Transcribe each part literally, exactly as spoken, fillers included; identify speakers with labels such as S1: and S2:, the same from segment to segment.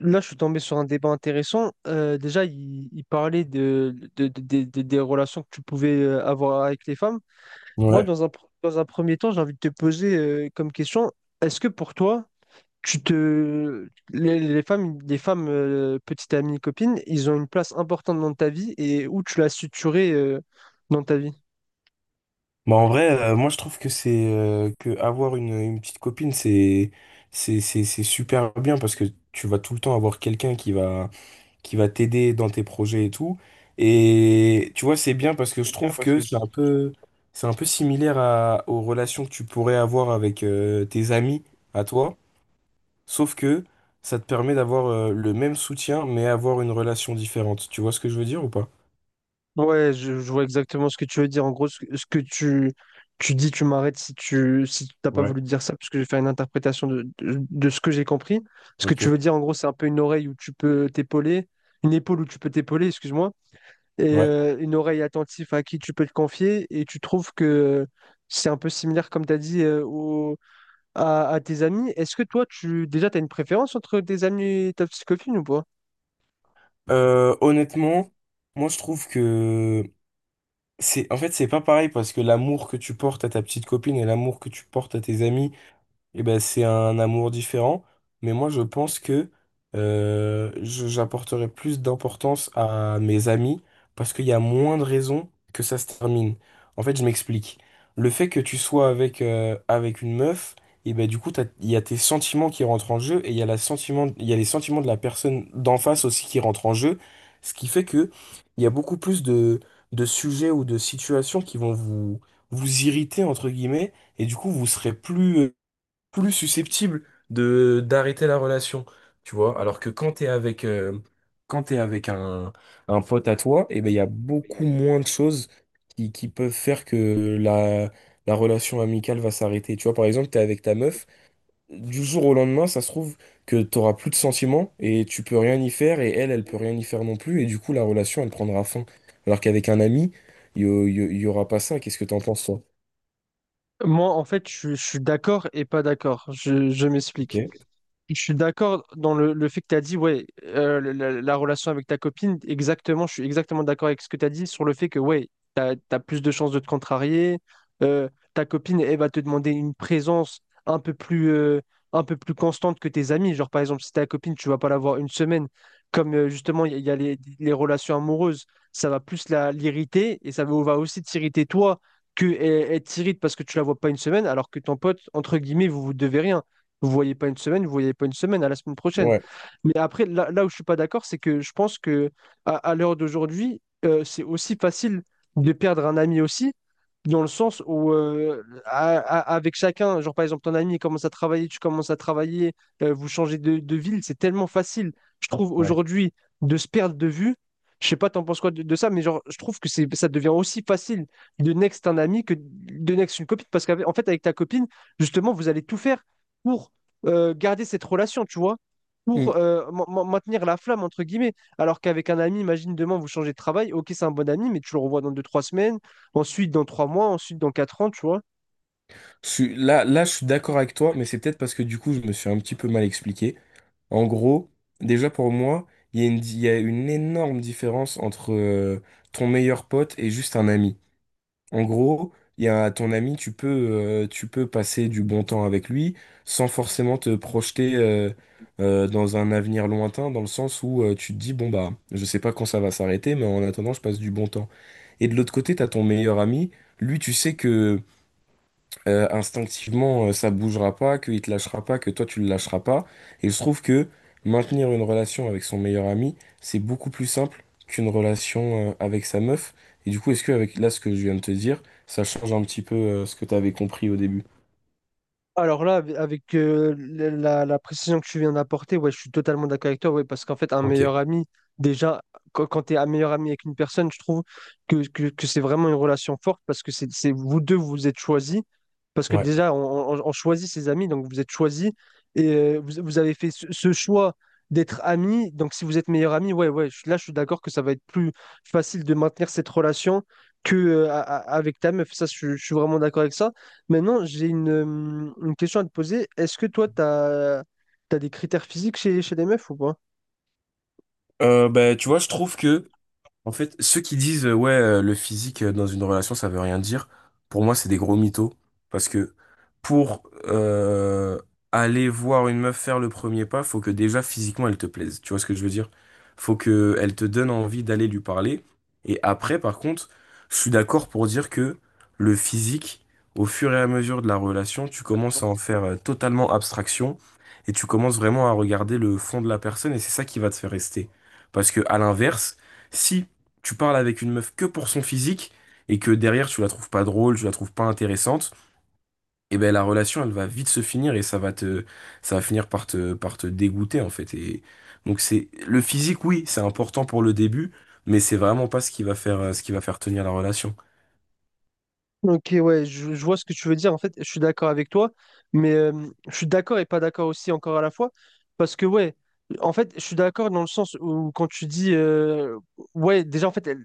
S1: Là, je suis tombé sur un débat intéressant. Euh, déjà, il, il parlait de, de- de- de- de- des relations que tu pouvais euh, avoir avec les femmes. Moi,
S2: Ouais.
S1: dans un, pr- dans un premier temps, j'ai envie de te poser euh, comme question, est-ce que pour toi, tu te... les, les femmes, les femmes euh, petites amies, copines, ils ont une place importante dans ta vie et où tu l'as suturée euh, dans ta vie?
S2: Bah en vrai, euh, moi je trouve que c'est euh, que avoir une, une petite copine, c'est c'est c'est c'est super bien parce que tu vas tout le temps avoir quelqu'un qui va qui va t'aider dans tes projets et tout. Et tu vois, c'est bien parce que je trouve que c'est un peu c'est un peu similaire à, aux relations que tu pourrais avoir avec euh, tes amis à toi, sauf que ça te permet d'avoir euh, le même soutien mais avoir une relation différente. Tu vois ce que je veux dire ou pas?
S1: Ouais, je, je vois exactement ce que tu veux dire. En gros, ce, que ce que tu, tu dis, tu m'arrêtes si tu si t'as pas
S2: Ouais.
S1: voulu dire ça, parce que j'ai fait une interprétation de, de, de ce que j'ai compris. Ce que tu
S2: Ok.
S1: veux dire, en gros, c'est un peu une oreille où tu peux t'épauler, une épaule où tu peux t'épauler, excuse-moi, et
S2: Ouais.
S1: euh, une oreille attentive à qui tu peux te confier. Et tu trouves que c'est un peu similaire, comme tu as dit, euh, au- à, à tes amis. Est-ce que toi, tu déjà, tu as une préférence entre tes amis et ta petite copine ou pas?
S2: Euh, honnêtement, moi je trouve que c'est en fait c'est pas pareil parce que l'amour que tu portes à ta petite copine et l'amour que tu portes à tes amis eh ben, c'est un amour différent, mais moi je pense que euh, je- j'apporterai plus d'importance à mes amis parce qu'il y a moins de raisons que ça se termine. En fait, je m'explique. Le fait que tu sois avec, euh, avec une meuf, et ben du coup, t'as- il y a tes sentiments qui rentrent en jeu et il y a la sentiment, il y a les sentiments de la personne d'en face aussi qui rentrent en jeu, ce qui fait que il y a beaucoup plus de, de sujets ou de situations qui vont vous, vous irriter, entre guillemets, et du coup, vous serez plus plus susceptible de d'arrêter la relation, tu vois. Alors que quand t'es avec euh, quand t'es avec un, un pote à toi, et ben il y a beaucoup moins de choses qui, qui peuvent faire que la la relation amicale va s'arrêter. Tu vois, par exemple, t'es avec ta meuf, du jour au lendemain, ça se trouve que t'auras plus de sentiments et tu peux rien y faire et elle, elle peut rien y faire non plus et du coup la relation elle prendra fin. Alors qu'avec un ami, il y, a- il y- a- il y aura pas ça. Qu'est-ce que t'en penses toi?
S1: Moi, en fait, je, je suis d'accord et pas d'accord. Je, je m'explique.
S2: Ok.
S1: Je suis d'accord dans le, le fait que tu as dit, ouais, euh, le- la, la relation avec ta copine, exactement, je suis exactement d'accord avec ce que tu as dit sur le fait que, ouais, tu as, plus de chances de te contrarier. euh, Ta copine, elle va te demander une présence un peu plus, euh, un peu plus constante que tes amis. Genre, par exemple, si ta copine, tu vas pas la voir une semaine, comme euh, justement, il y, a il y a les, les relations amoureuses, ça va plus la, l'irriter et ça va va aussi t'irriter toi que elle, elle t'irrite parce que tu la vois pas une semaine, alors que ton pote, entre guillemets, vous vous devez rien. Vous voyez pas une semaine, vous voyez pas une semaine, à la semaine prochaine.
S2: Ouais.
S1: Mais après, là, là où je suis pas d'accord, c'est que je pense que à, à l'heure d'aujourd'hui, euh, c'est aussi facile de perdre un ami aussi, dans le sens où euh, à- à- avec chacun, genre par exemple ton ami commence à travailler, tu commences à travailler, euh, vous changez de, de ville, c'est tellement facile, je trouve aujourd'hui, de se perdre de vue. Je sais pas, t'en penses quoi de, de ça, mais genre, je trouve que c'est, ça devient aussi facile de next un ami que de next une copine, parce qu'en fait, avec ta copine, justement, vous allez tout faire pour euh, garder cette relation, tu vois pour
S2: Ouais.
S1: euh, ma- ma- maintenir la flamme, entre guillemets. Alors qu'avec un ami, imagine demain, vous changez de travail, ok, c'est un bon ami, mais tu le revois dans deux, trois semaines, ensuite dans trois mois, ensuite dans quatre ans, tu vois.
S2: Je suis- là, là, je suis d'accord avec toi, mais c'est peut-être parce que du coup, je me suis un petit peu mal expliqué. En gros, déjà pour moi, il y a une, di- il y a une énorme différence entre euh, ton meilleur pote et juste un ami. En gros, il y a ton ami, tu peux, euh, tu peux passer du bon temps avec lui sans forcément te projeter euh, euh, dans un avenir lointain, dans le sens où euh, tu te dis, bon bah, je sais pas quand ça va s'arrêter, mais en attendant, je passe du bon temps. Et de l'autre côté, t'as ton meilleur ami. Lui, tu sais que euh, instinctivement, euh, ça bougera pas, qu'il te lâchera pas, que toi tu le lâcheras pas. Et je trouve que maintenir une relation avec son meilleur ami, c'est beaucoup plus simple qu'une relation euh, avec sa meuf. Et du coup, est-ce que avec là ce que je viens de te dire, ça change un petit peu euh, ce que tu avais compris au début?
S1: Alors là, ave- avec euh, la, la- la précision que tu viens d'apporter, ouais, je suis totalement d'accord avec toi, ouais, parce qu'en fait, un
S2: Ok.
S1: meilleur ami, déjà, quand, quand tu es un meilleur ami avec une personne, je trouve que, que, que c'est vraiment une relation forte, parce que c'est, c'est- vous deux, vous vous êtes choisis, parce que
S2: Ouais.
S1: déjà, on, on- on choisit ses amis, donc vous êtes choisis, et euh, vous, vous avez fait ce, ce choix d'être amis, donc si vous êtes meilleur ami, ouais, ouais, je- là, je suis d'accord que ça va être plus facile de maintenir cette relation que euh, a- a- avec ta meuf, ça, je je suis vraiment d'accord avec ça. Maintenant, j'ai une, euh, une question à te poser. Est-ce que toi, tu as, des critères physiques chez, chez les meufs ou pas?
S2: Euh, bah, tu vois, je trouve que en fait, ceux qui disent euh, ouais, euh, le physique euh, dans une relation, ça veut rien dire, pour moi, c'est des gros mythos. Parce que pour euh, aller voir une meuf faire le premier pas, faut que déjà physiquement elle te plaise. Tu vois ce que je veux dire? Faut que elle te donne envie d'aller lui parler. Et après, par contre, je suis d'accord pour dire que le physique, au fur et à mesure de la relation, tu commences à en faire euh, totalement abstraction et tu commences vraiment à regarder le fond de la personne et c'est ça qui va te faire rester. Parce que à l'inverse, si tu parles avec une meuf que pour son physique et que derrière tu la trouves pas drôle, tu la trouves pas intéressante, et ben la relation elle va vite se finir et ça va te ça va finir par te par te dégoûter en fait et donc c'est le physique oui, c'est important pour le début, mais c'est vraiment pas ce qui va faire euh, ce qui va faire tenir la relation.
S1: Ok, ouais, je, je vois ce que tu veux dire. En fait, je suis d'accord avec toi, mais euh, je suis d'accord et pas d'accord aussi encore à la fois. Parce que, ouais, en fait, je suis d'accord dans le sens où quand tu dis, euh, ouais, déjà, en fait, elle-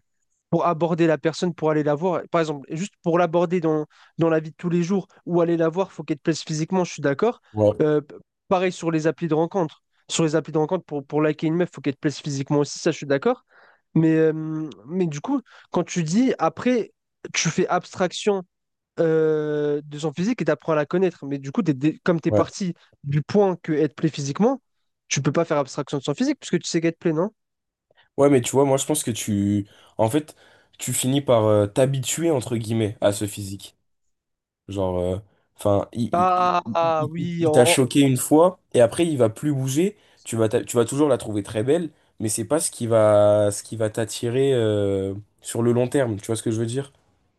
S1: pour aborder la personne, pour aller la voir, par exemple, juste pour l'aborder dans, dans la vie de tous les jours ou aller la voir, faut qu'elle te plaise physiquement, je suis d'accord.
S2: Ouais,
S1: Euh, p- Pareil sur les applis de rencontre. Sur les applis de rencontre, pour, pour liker une meuf, faut qu'elle te plaise physiquement aussi, ça, je suis d'accord. Mais, euh, mais du coup, quand tu dis, après, tu fais abstraction euh, de son physique et t'apprends à la connaître. Mais du coup, t'es dé- comme tu es
S2: ouais.
S1: parti du point que être plaît physiquement, tu peux pas faire abstraction de son physique puisque tu sais qu'être plaît, non?
S2: Ouais, mais tu vois, moi je pense que tu en fait tu finis par euh, t'habituer entre guillemets à
S1: Oui.
S2: ce physique. Genre, euh, enfin, il, il- il-
S1: Ah, ah,
S2: il- il-
S1: oui, en,
S2: il t'a
S1: en-
S2: choqué une fois et après il va plus bouger. Tu vas, t'a- tu vas toujours la trouver très belle, mais c'est pas ce qui va, ce qui va t'attirer euh, sur le long terme. Tu vois ce que je veux dire?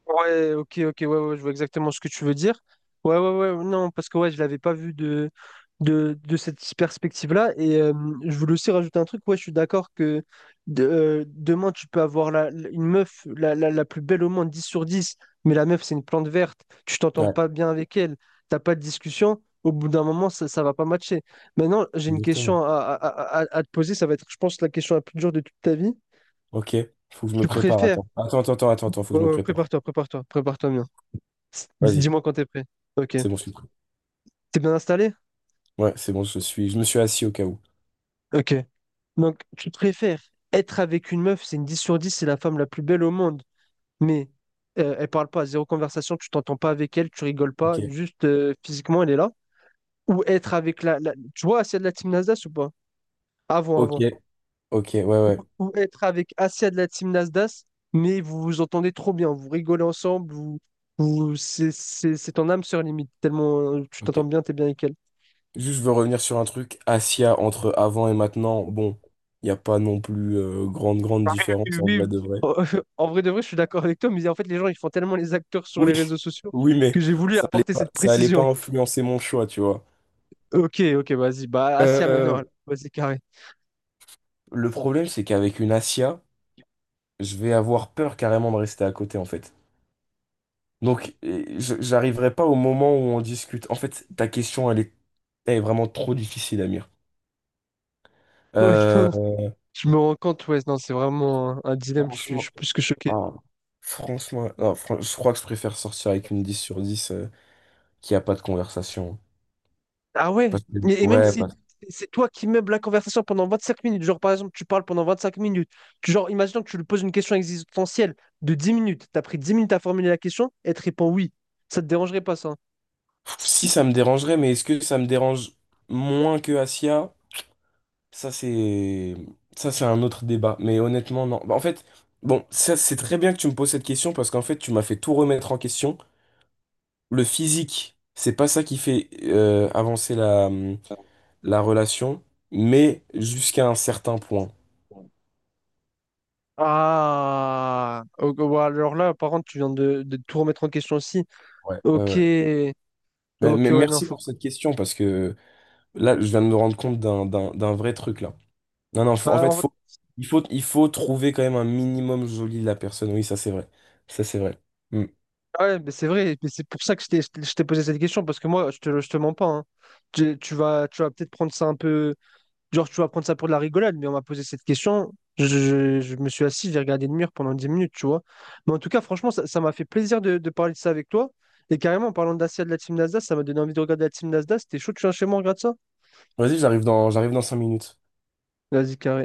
S1: Ouais, ok, ok, ouais, ouais, je vois exactement ce que tu veux dire. Ouais, ouais, ouais, non, parce que ouais, je l'avais pas vu de, de, de cette perspective-là. Et euh, je voulais aussi rajouter un truc, ouais, je suis d'accord que de- euh, demain, tu peux avoir la, la- une meuf la, la, la plus belle au monde, dix sur dix. Mais la meuf, c'est une plante verte, tu t'entends
S2: Ouais,
S1: pas bien avec elle, t'as pas de discussion, au bout d'un moment, ça, ça va pas matcher. Maintenant, j'ai une
S2: exactement.
S1: question à, à, à, à- à te poser, ça va être, je pense, la question la plus dure de toute ta vie.
S2: Ok, faut que je me
S1: Tu
S2: prépare.
S1: préfères,
S2: Attends, attends, attends, attends, attends, attends, faut que
S1: ouais,
S2: je me
S1: ouais,
S2: prépare.
S1: prépare-toi, prépare-toi, prépare-toi bien. S- dis-
S2: Vas-y,
S1: Dis-moi quand t'es prêt. Ok.
S2: c'est bon, je suis prêt.
S1: T'es bien installé?
S2: Ouais, c'est bon, je suis, je me suis assis au cas où.
S1: Ok. Donc, tu préfères être avec une meuf, c'est une dix sur dix, c'est la femme la plus belle au monde, mais euh, elle parle pas, zéro conversation, tu t'entends pas avec elle, tu rigoles pas,
S2: Ok,
S1: juste euh, physiquement, elle est là. Ou être avec la, la- Tu vois Asia de la team Nasdaq ou pas? Avant,
S2: ok,
S1: avant.
S2: ok, ouais, ouais.
S1: Ou être avec Asia de la team Nasdaq, mais vous vous entendez trop bien, vous rigolez ensemble, vous... vous... C'est c'est- c'est ton âme sœur limite, tellement euh, tu t'entends
S2: Ok.
S1: bien, t'es bien avec elle.
S2: Juste, je veux revenir sur un truc. Asia, entre avant et maintenant, bon, il n'y a pas non plus euh, grande, grande
S1: Oui,
S2: différence en vrai
S1: oui.
S2: de vrai.
S1: en en vrai de vrai, je suis d'accord avec toi, mais en fait, les gens, ils font tellement les acteurs sur les
S2: Oui,
S1: réseaux sociaux
S2: oui, mais
S1: que j'ai voulu
S2: ça allait
S1: apporter
S2: pas,
S1: cette
S2: ça allait pas
S1: précision.
S2: influencer mon choix, tu vois.
S1: Ok, ok, vas-y, bah, assis à maintenant,
S2: Euh,
S1: alors. Vas-y, carré.
S2: le problème, c'est qu'avec une Asia, je vais avoir peur carrément de rester à côté, en fait. Donc, et je- j'arriverai pas au moment où on discute. En fait, ta question, elle est, elle est vraiment trop difficile, Amir.
S1: Ouais,
S2: Euh,
S1: non, je me rends compte, ouais, non, c'est vraiment un, un dilemme, je suis, je
S2: franchement,
S1: suis plus que choqué.
S2: ah, franchement, non, fran- je crois que je préfère sortir avec une dix sur dix euh, qu'il n'y a pas de conversation.
S1: Ah ouais,
S2: Parce que-
S1: et, et même
S2: ouais,
S1: si
S2: parce-
S1: c'est toi qui meubles la conversation pendant 25 minutes, genre par exemple, tu parles pendant 25 minutes, tu, genre, imaginons que tu lui poses une question existentielle de dix minutes, t'as pris dix minutes à formuler la question, et elle te répond oui, ça te dérangerait pas ça? Hein.
S2: Si ça me dérangerait, mais est-ce que ça me dérange moins que Asia? Ça, c'est Ça, c'est un autre débat. Mais honnêtement, non. Bah, en fait, bon, ça, c'est très bien que tu me poses cette question parce qu'en fait, tu m'as fait tout remettre en question. Le physique, c'est pas ça qui fait euh, avancer la, la relation, mais jusqu'à un certain point.
S1: Ah, ok, bon, alors là, par contre, tu viens de, de tout remettre en question aussi.
S2: Ouais, ouais,
S1: Ok,
S2: ouais. Mais,
S1: ok,
S2: mais
S1: ouais, non,
S2: merci
S1: faut.
S2: pour cette question parce que là, je viens de me rendre compte d'un d'un d'un vrai truc là. Non, non, faut- en
S1: Bah,
S2: fait,
S1: en fait-
S2: faut, il faut, il faut trouver quand même un minimum joli de la personne. Oui, ça c'est vrai. Ça c'est vrai. Hmm.
S1: ah ouais, mais c'est vrai, mais c'est pour ça que je t'ai je t'ai- je t'ai posé cette question, parce que moi, je te, je te mens pas. Hein. Tu, tu vas, tu vas peut-être prendre ça un peu. Genre, tu vas prendre ça pour de la rigolade, mais on m'a posé cette question. Je, je- je me suis assis, j'ai regardé le mur pendant dix minutes, tu vois. Mais en tout cas, franchement, ça ça m'a fait plaisir de, de parler de ça avec toi. Et carrément, en parlant de Dacia de la team Nasdaq, ça m'a donné envie de regarder la team Nasdaq. C'était chaud, tu viens chez moi, on regarde ça?
S2: Vas-y, j'arrive dans, j'arrive dans cinq minutes.
S1: Vas-y, carré.